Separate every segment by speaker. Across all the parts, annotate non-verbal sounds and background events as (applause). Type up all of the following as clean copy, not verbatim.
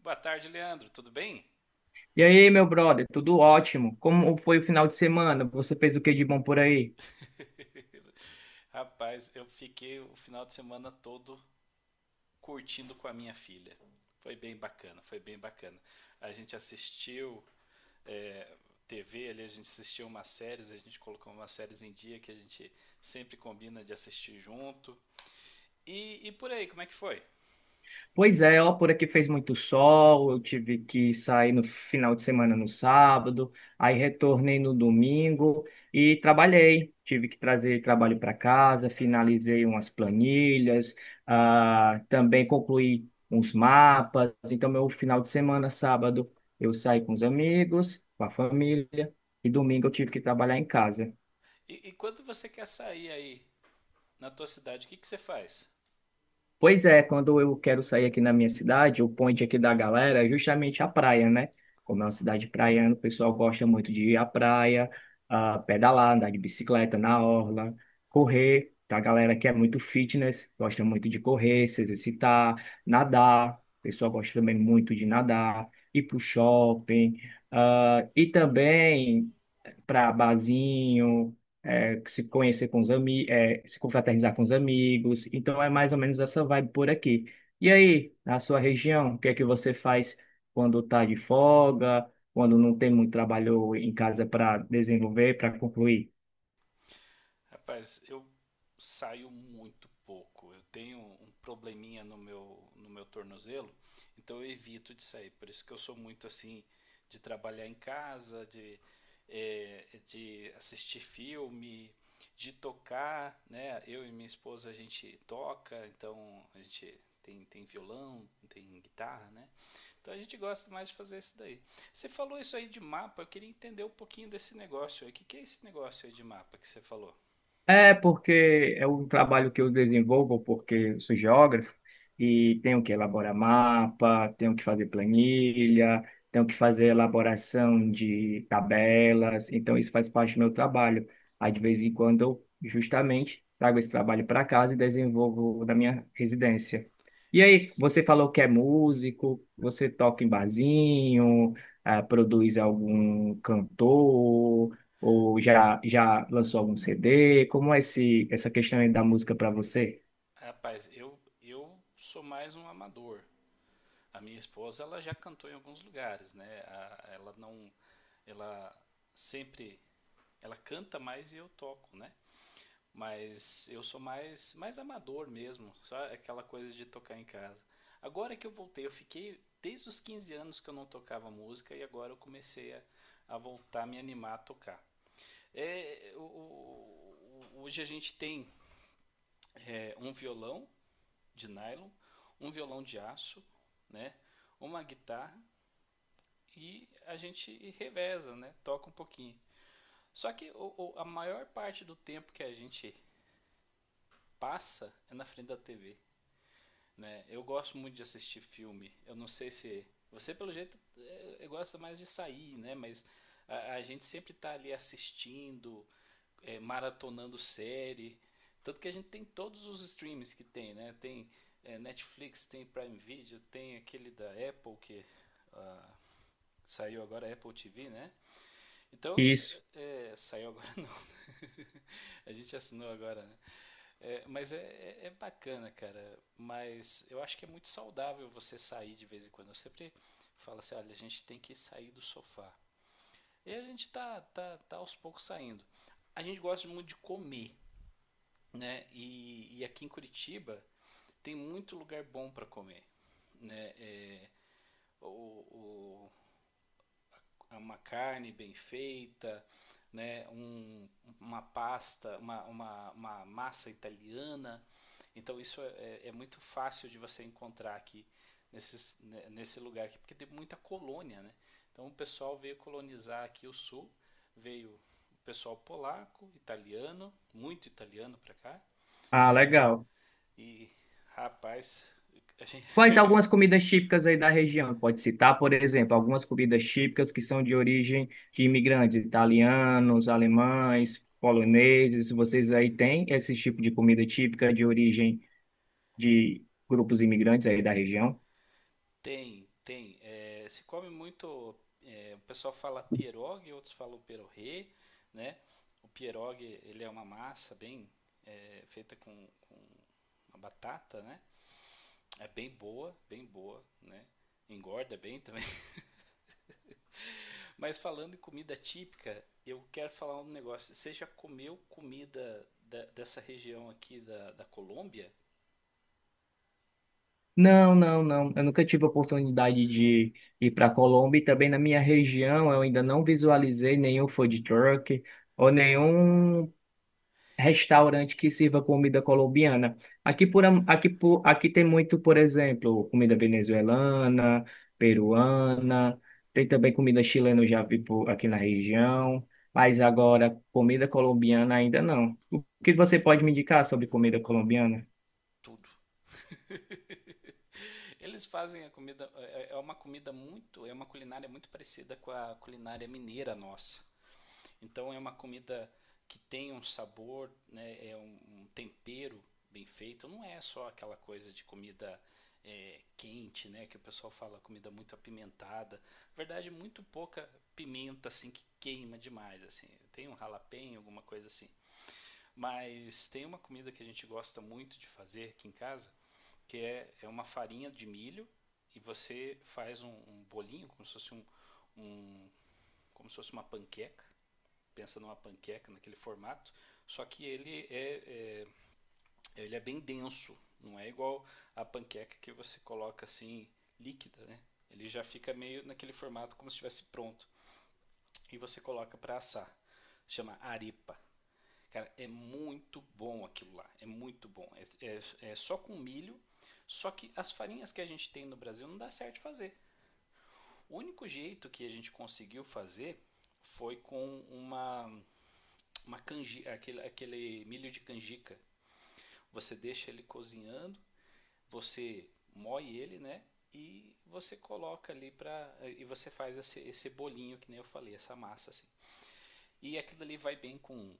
Speaker 1: Boa tarde, Leandro. Tudo bem?
Speaker 2: E aí, meu brother, tudo ótimo? Como foi o final de semana? Você fez o que de bom por aí?
Speaker 1: Rapaz, eu fiquei o final de semana todo curtindo com a minha filha. Foi bem bacana, foi bem bacana. A gente assistiu é, TV ali, a gente assistiu umas séries, a gente colocou umas séries em dia que a gente sempre combina de assistir junto. E por aí, como é que foi?
Speaker 2: Pois é, ó, por aqui fez muito sol, eu tive que sair no final de semana no sábado, aí retornei no domingo e trabalhei. Tive que trazer trabalho para casa,
Speaker 1: Aham.
Speaker 2: finalizei umas planilhas, também concluí uns mapas. Então, meu final de semana, sábado, eu saí com os amigos, com a família, e domingo eu tive que trabalhar em casa.
Speaker 1: E quando você quer sair aí na tua cidade, o que você faz?
Speaker 2: Pois é, quando eu quero sair aqui na minha cidade, o point aqui da galera é justamente a praia, né? Como é uma cidade praiana, o pessoal gosta muito de ir à praia, pedalar, andar de bicicleta na orla, correr. Tá? A galera que é muito fitness, gosta muito de correr, se exercitar, nadar. O pessoal gosta também muito de nadar, ir pro shopping. E também para barzinho, é, se conhecer com os amigos, se confraternizar com os amigos. Então é mais ou menos essa vibe por aqui. E aí, na sua região, o que é que você faz quando tá de folga, quando não tem muito trabalho em casa para desenvolver, para concluir?
Speaker 1: Rapaz, eu saio muito pouco. Eu tenho um probleminha no meu tornozelo, então eu evito de sair. Por isso que eu sou muito assim de trabalhar em casa, de, de assistir filme, de tocar, né? Eu e minha esposa a gente toca, então a gente tem violão, tem guitarra, né? Então a gente gosta mais de fazer isso daí. Você falou isso aí de mapa, eu queria entender um pouquinho desse negócio aí. O que é esse negócio aí de mapa que você falou?
Speaker 2: É porque é um trabalho que eu desenvolvo porque eu sou geógrafo e tenho que elaborar mapa, tenho que fazer planilha, tenho que fazer elaboração de tabelas, então isso faz parte do meu trabalho. Aí de vez em quando eu justamente trago esse trabalho para casa e desenvolvo da minha residência. E aí,
Speaker 1: Isso.
Speaker 2: você falou que é músico, você toca em barzinho, produz algum cantor? Ou já lançou algum CD? Como é essa questão aí da música para você?
Speaker 1: Rapaz, eu sou mais um amador. A minha esposa, ela já cantou em alguns lugares, né? A- ela não. Ela sempre. Ela canta mais e eu toco, né? Mas eu sou mais amador mesmo. Só aquela coisa de tocar em casa. Agora que eu voltei, eu fiquei. Desde os 15 anos que eu não tocava música e agora eu comecei a voltar a me animar a tocar. É, hoje a gente tem um violão de nylon, um violão de aço, né? Uma guitarra e a gente reveza, né? Toca um pouquinho. Só que a maior parte do tempo que a gente passa é na frente da TV, né? Eu gosto muito de assistir filme. Eu não sei se você pelo jeito gosta mais de sair, né? Mas a gente sempre tá ali assistindo, maratonando série. Tanto que a gente tem todos os streams que tem, né? Tem Netflix, tem Prime Video, tem aquele da Apple que ah, saiu agora, Apple TV, né? Então,
Speaker 2: Isso.
Speaker 1: saiu agora não. (laughs) A gente assinou agora, né? É, mas é bacana, cara. Mas eu acho que é muito saudável você sair de vez em quando. Eu sempre falo assim, olha, a gente tem que sair do sofá. E a gente tá aos poucos saindo. A gente gosta muito de comer, né? E aqui em Curitiba tem muito lugar bom para comer, né? É, o, o, uma carne bem feita, né? Um, uma pasta, uma massa italiana. Então isso é, é muito fácil de você encontrar aqui nesse lugar aqui, porque tem muita colônia, né? Então o pessoal veio colonizar aqui o sul, veio o pessoal polaco, italiano, muito italiano para cá,
Speaker 2: Ah,
Speaker 1: né?
Speaker 2: legal.
Speaker 1: E, rapaz, a gente,
Speaker 2: Quais algumas comidas típicas aí da região? Pode citar, por exemplo, algumas comidas típicas que são de origem de imigrantes, italianos, alemães,
Speaker 1: (laughs) pô,
Speaker 2: poloneses. Vocês aí têm esse tipo de comida típica de origem de grupos imigrantes aí da região?
Speaker 1: tem, tem. É, se come muito. É, o pessoal fala pierogi, outros falam perorê, né? O pierogi, ele é uma massa bem feita com uma batata, né? É bem boa, né? Engorda bem (laughs) também. Mas falando em comida típica, eu quero falar um negócio. Você já comeu comida da- dessa região aqui da Colômbia?
Speaker 2: Não, não, não. Eu nunca tive a oportunidade de ir para a Colômbia e também na minha região eu ainda não visualizei nenhum food truck ou
Speaker 1: Aham.
Speaker 2: nenhum
Speaker 1: É,
Speaker 2: restaurante que sirva comida colombiana.
Speaker 1: é
Speaker 2: Aqui por aqui tem muito, por exemplo, comida venezuelana, peruana, tem também comida chilena, eu já vi aqui na região, mas agora comida colombiana ainda não. O que você pode me indicar sobre comida colombiana?
Speaker 1: tudo. Eles fazem a comida, é uma comida muito, é uma culinária muito parecida com a culinária mineira nossa. Então é uma comida que tem um sabor, né, é um, um tempero bem feito, não é só aquela coisa de comida quente, né, que o pessoal fala comida muito apimentada. Na verdade, muito pouca pimenta assim que queima demais, assim. Tem um ralapenho, alguma coisa assim. Mas tem uma comida que a gente gosta muito de fazer aqui em casa, é uma farinha de milho e você faz um, um bolinho, como se fosse um, como se fosse uma panqueca. Pensa numa panqueca naquele formato, só que ele ele é bem denso, não é igual a panqueca que você coloca assim líquida, né? Ele já fica meio naquele formato como se estivesse pronto e você coloca para assar. Chama arepa. Cara, é muito bom aquilo lá. É muito bom. É, é, é só com milho. Só que as farinhas que a gente tem no Brasil não dá certo fazer. O único jeito que a gente conseguiu fazer foi com uma canjica, aquele milho de canjica. Você deixa ele cozinhando, você moe ele, né? E você coloca ali para e você faz esse bolinho que nem eu falei, essa massa assim. E aquilo ali vai bem com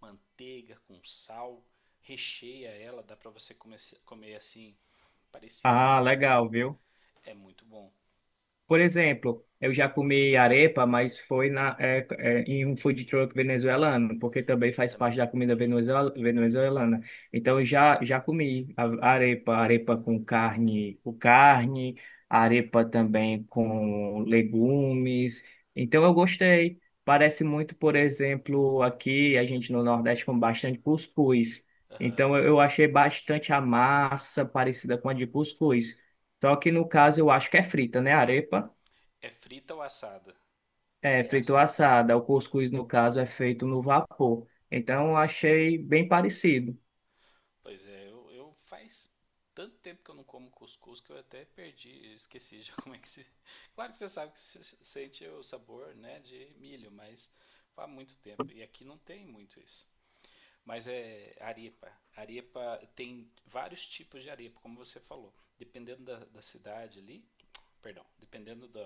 Speaker 1: manteiga, com sal, recheia ela, dá para você comer, comer assim, parecido.
Speaker 2: Ah, legal, viu?
Speaker 1: É muito bom
Speaker 2: Por exemplo, eu já comi arepa, mas foi em um food truck venezuelano, porque também faz parte
Speaker 1: também.
Speaker 2: da comida venezuelana. Então, eu já comi arepa, arepa com carne, arepa também com legumes. Então, eu gostei. Parece muito, por exemplo, aqui a gente no Nordeste come bastante cuscuz.
Speaker 1: Ah,
Speaker 2: Então, eu achei bastante a massa parecida com a de cuscuz. Só que no caso eu acho que é frita, né? Arepa.
Speaker 1: é frita ou assada?
Speaker 2: É,
Speaker 1: É
Speaker 2: frito ou
Speaker 1: assada, é.
Speaker 2: assada. O cuscuz, no caso, é feito no vapor. Então, eu achei bem parecido.
Speaker 1: Pois é, eu faz tanto tempo que eu não como cuscuz que eu até perdi, eu esqueci já (laughs) como é que se. Claro que você sabe que você sente o sabor, né, de milho, mas faz muito tempo. E aqui não tem muito isso. Mas é arepa. Arepa tem vários tipos de arepa, como você falou. Dependendo da cidade ali, perdão, dependendo do,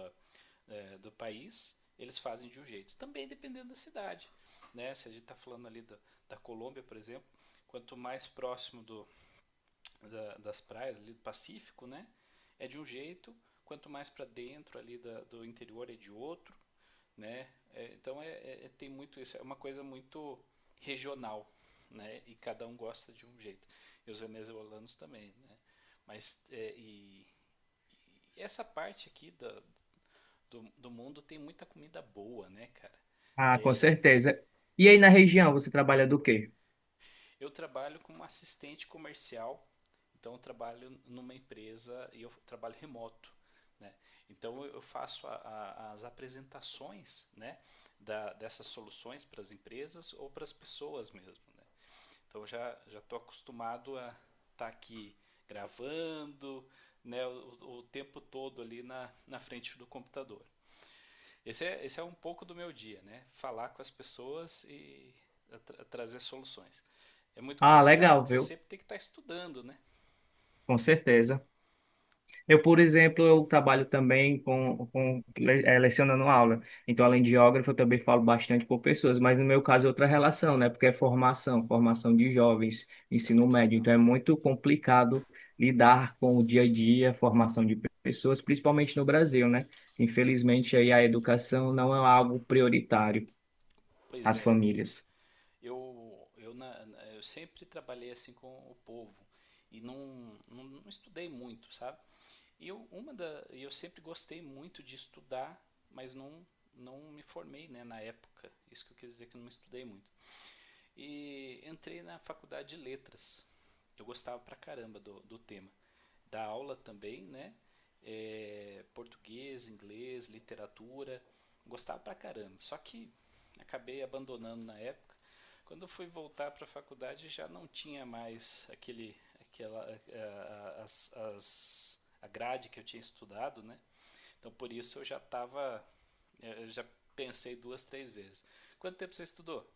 Speaker 1: do país, eles fazem de um jeito. Também dependendo da cidade. Né? Se a gente está falando ali da, da Colômbia, por exemplo, quanto mais próximo do, das praias ali do Pacífico, né? É de um jeito, quanto mais para dentro ali da, do interior é de outro, né? Então tem muito isso, é uma coisa muito regional, né? E cada um gosta de um jeito. E os venezuelanos também, né? Mas e essa parte aqui da, do mundo tem muita comida boa, né, cara?
Speaker 2: Ah, com
Speaker 1: É,
Speaker 2: certeza. E aí, na região, você trabalha do quê?
Speaker 1: eu trabalho como assistente comercial, então eu trabalho numa empresa e eu trabalho remoto. Né? Então eu faço as apresentações, né, da, dessas soluções para as empresas ou para as pessoas mesmo. Né? Então eu já estou acostumado a estar tá aqui gravando, né, o tempo todo ali na, na frente do computador. Esse é um pouco do meu dia, né? Falar com as pessoas e trazer soluções. É muito
Speaker 2: Ah,
Speaker 1: complicado,
Speaker 2: legal,
Speaker 1: porque você
Speaker 2: viu?
Speaker 1: sempre tem que estar estudando, né?
Speaker 2: Com certeza. Eu, por exemplo, eu trabalho também lecionando aula. Então,
Speaker 1: Hum,
Speaker 2: além de geógrafo, eu também falo bastante com pessoas, mas no meu caso é outra relação, né? Porque é formação, formação de jovens,
Speaker 1: isso é
Speaker 2: ensino
Speaker 1: muito
Speaker 2: médio.
Speaker 1: legal.
Speaker 2: Então, é muito complicado lidar com o dia a dia, formação de pessoas, principalmente no Brasil, né? Infelizmente, aí a educação não é algo prioritário
Speaker 1: Pois
Speaker 2: às
Speaker 1: é,
Speaker 2: famílias.
Speaker 1: eu, eu, na, eu sempre trabalhei assim com o povo e não, não, não estudei muito, sabe? E eu, uma da, eu sempre gostei muito de estudar, mas não, não me formei, né, na época. Isso que eu quis dizer que eu não estudei muito. E entrei na faculdade de letras. Eu gostava pra caramba do tema. Da aula também, né? É, português, inglês, literatura. Gostava pra caramba. Só que acabei abandonando na época. Quando eu fui voltar para a faculdade já não tinha mais aquele, aquela, a, as- a grade que eu tinha estudado, né? Então por isso eu já estava, eu já pensei duas, três vezes. Quanto tempo você estudou?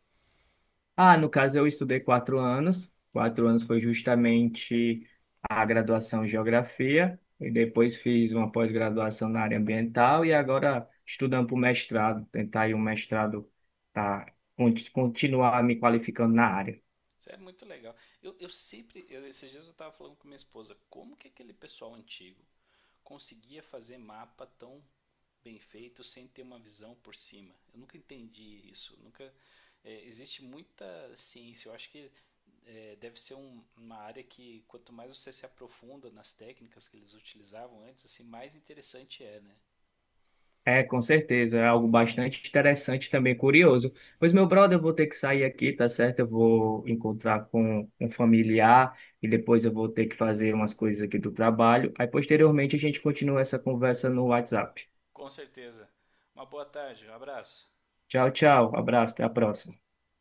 Speaker 2: Ah, no caso eu estudei 4 anos. 4 anos foi justamente a graduação em geografia e depois fiz uma pós-graduação na área ambiental e agora estudando para o mestrado, tentar ir um mestrado para continuar me qualificando na área.
Speaker 1: Isso é muito legal. Esses dias eu estava falando com minha esposa, como que aquele pessoal antigo conseguia fazer mapa tão bem feito sem ter uma visão por cima? Eu nunca entendi isso. Nunca existe muita ciência. Eu acho que deve ser uma área que quanto mais você se aprofunda nas técnicas que eles utilizavam antes, assim mais interessante é, né?
Speaker 2: É, com certeza, é algo bastante interessante também, curioso. Pois, meu brother, eu vou ter que sair aqui, tá certo? Eu vou encontrar com um familiar e depois eu vou ter que fazer umas coisas aqui do trabalho. Aí, posteriormente, a gente continua essa conversa no WhatsApp.
Speaker 1: Com certeza. Uma boa tarde, um abraço.
Speaker 2: Tchau, tchau, abraço, até a próxima.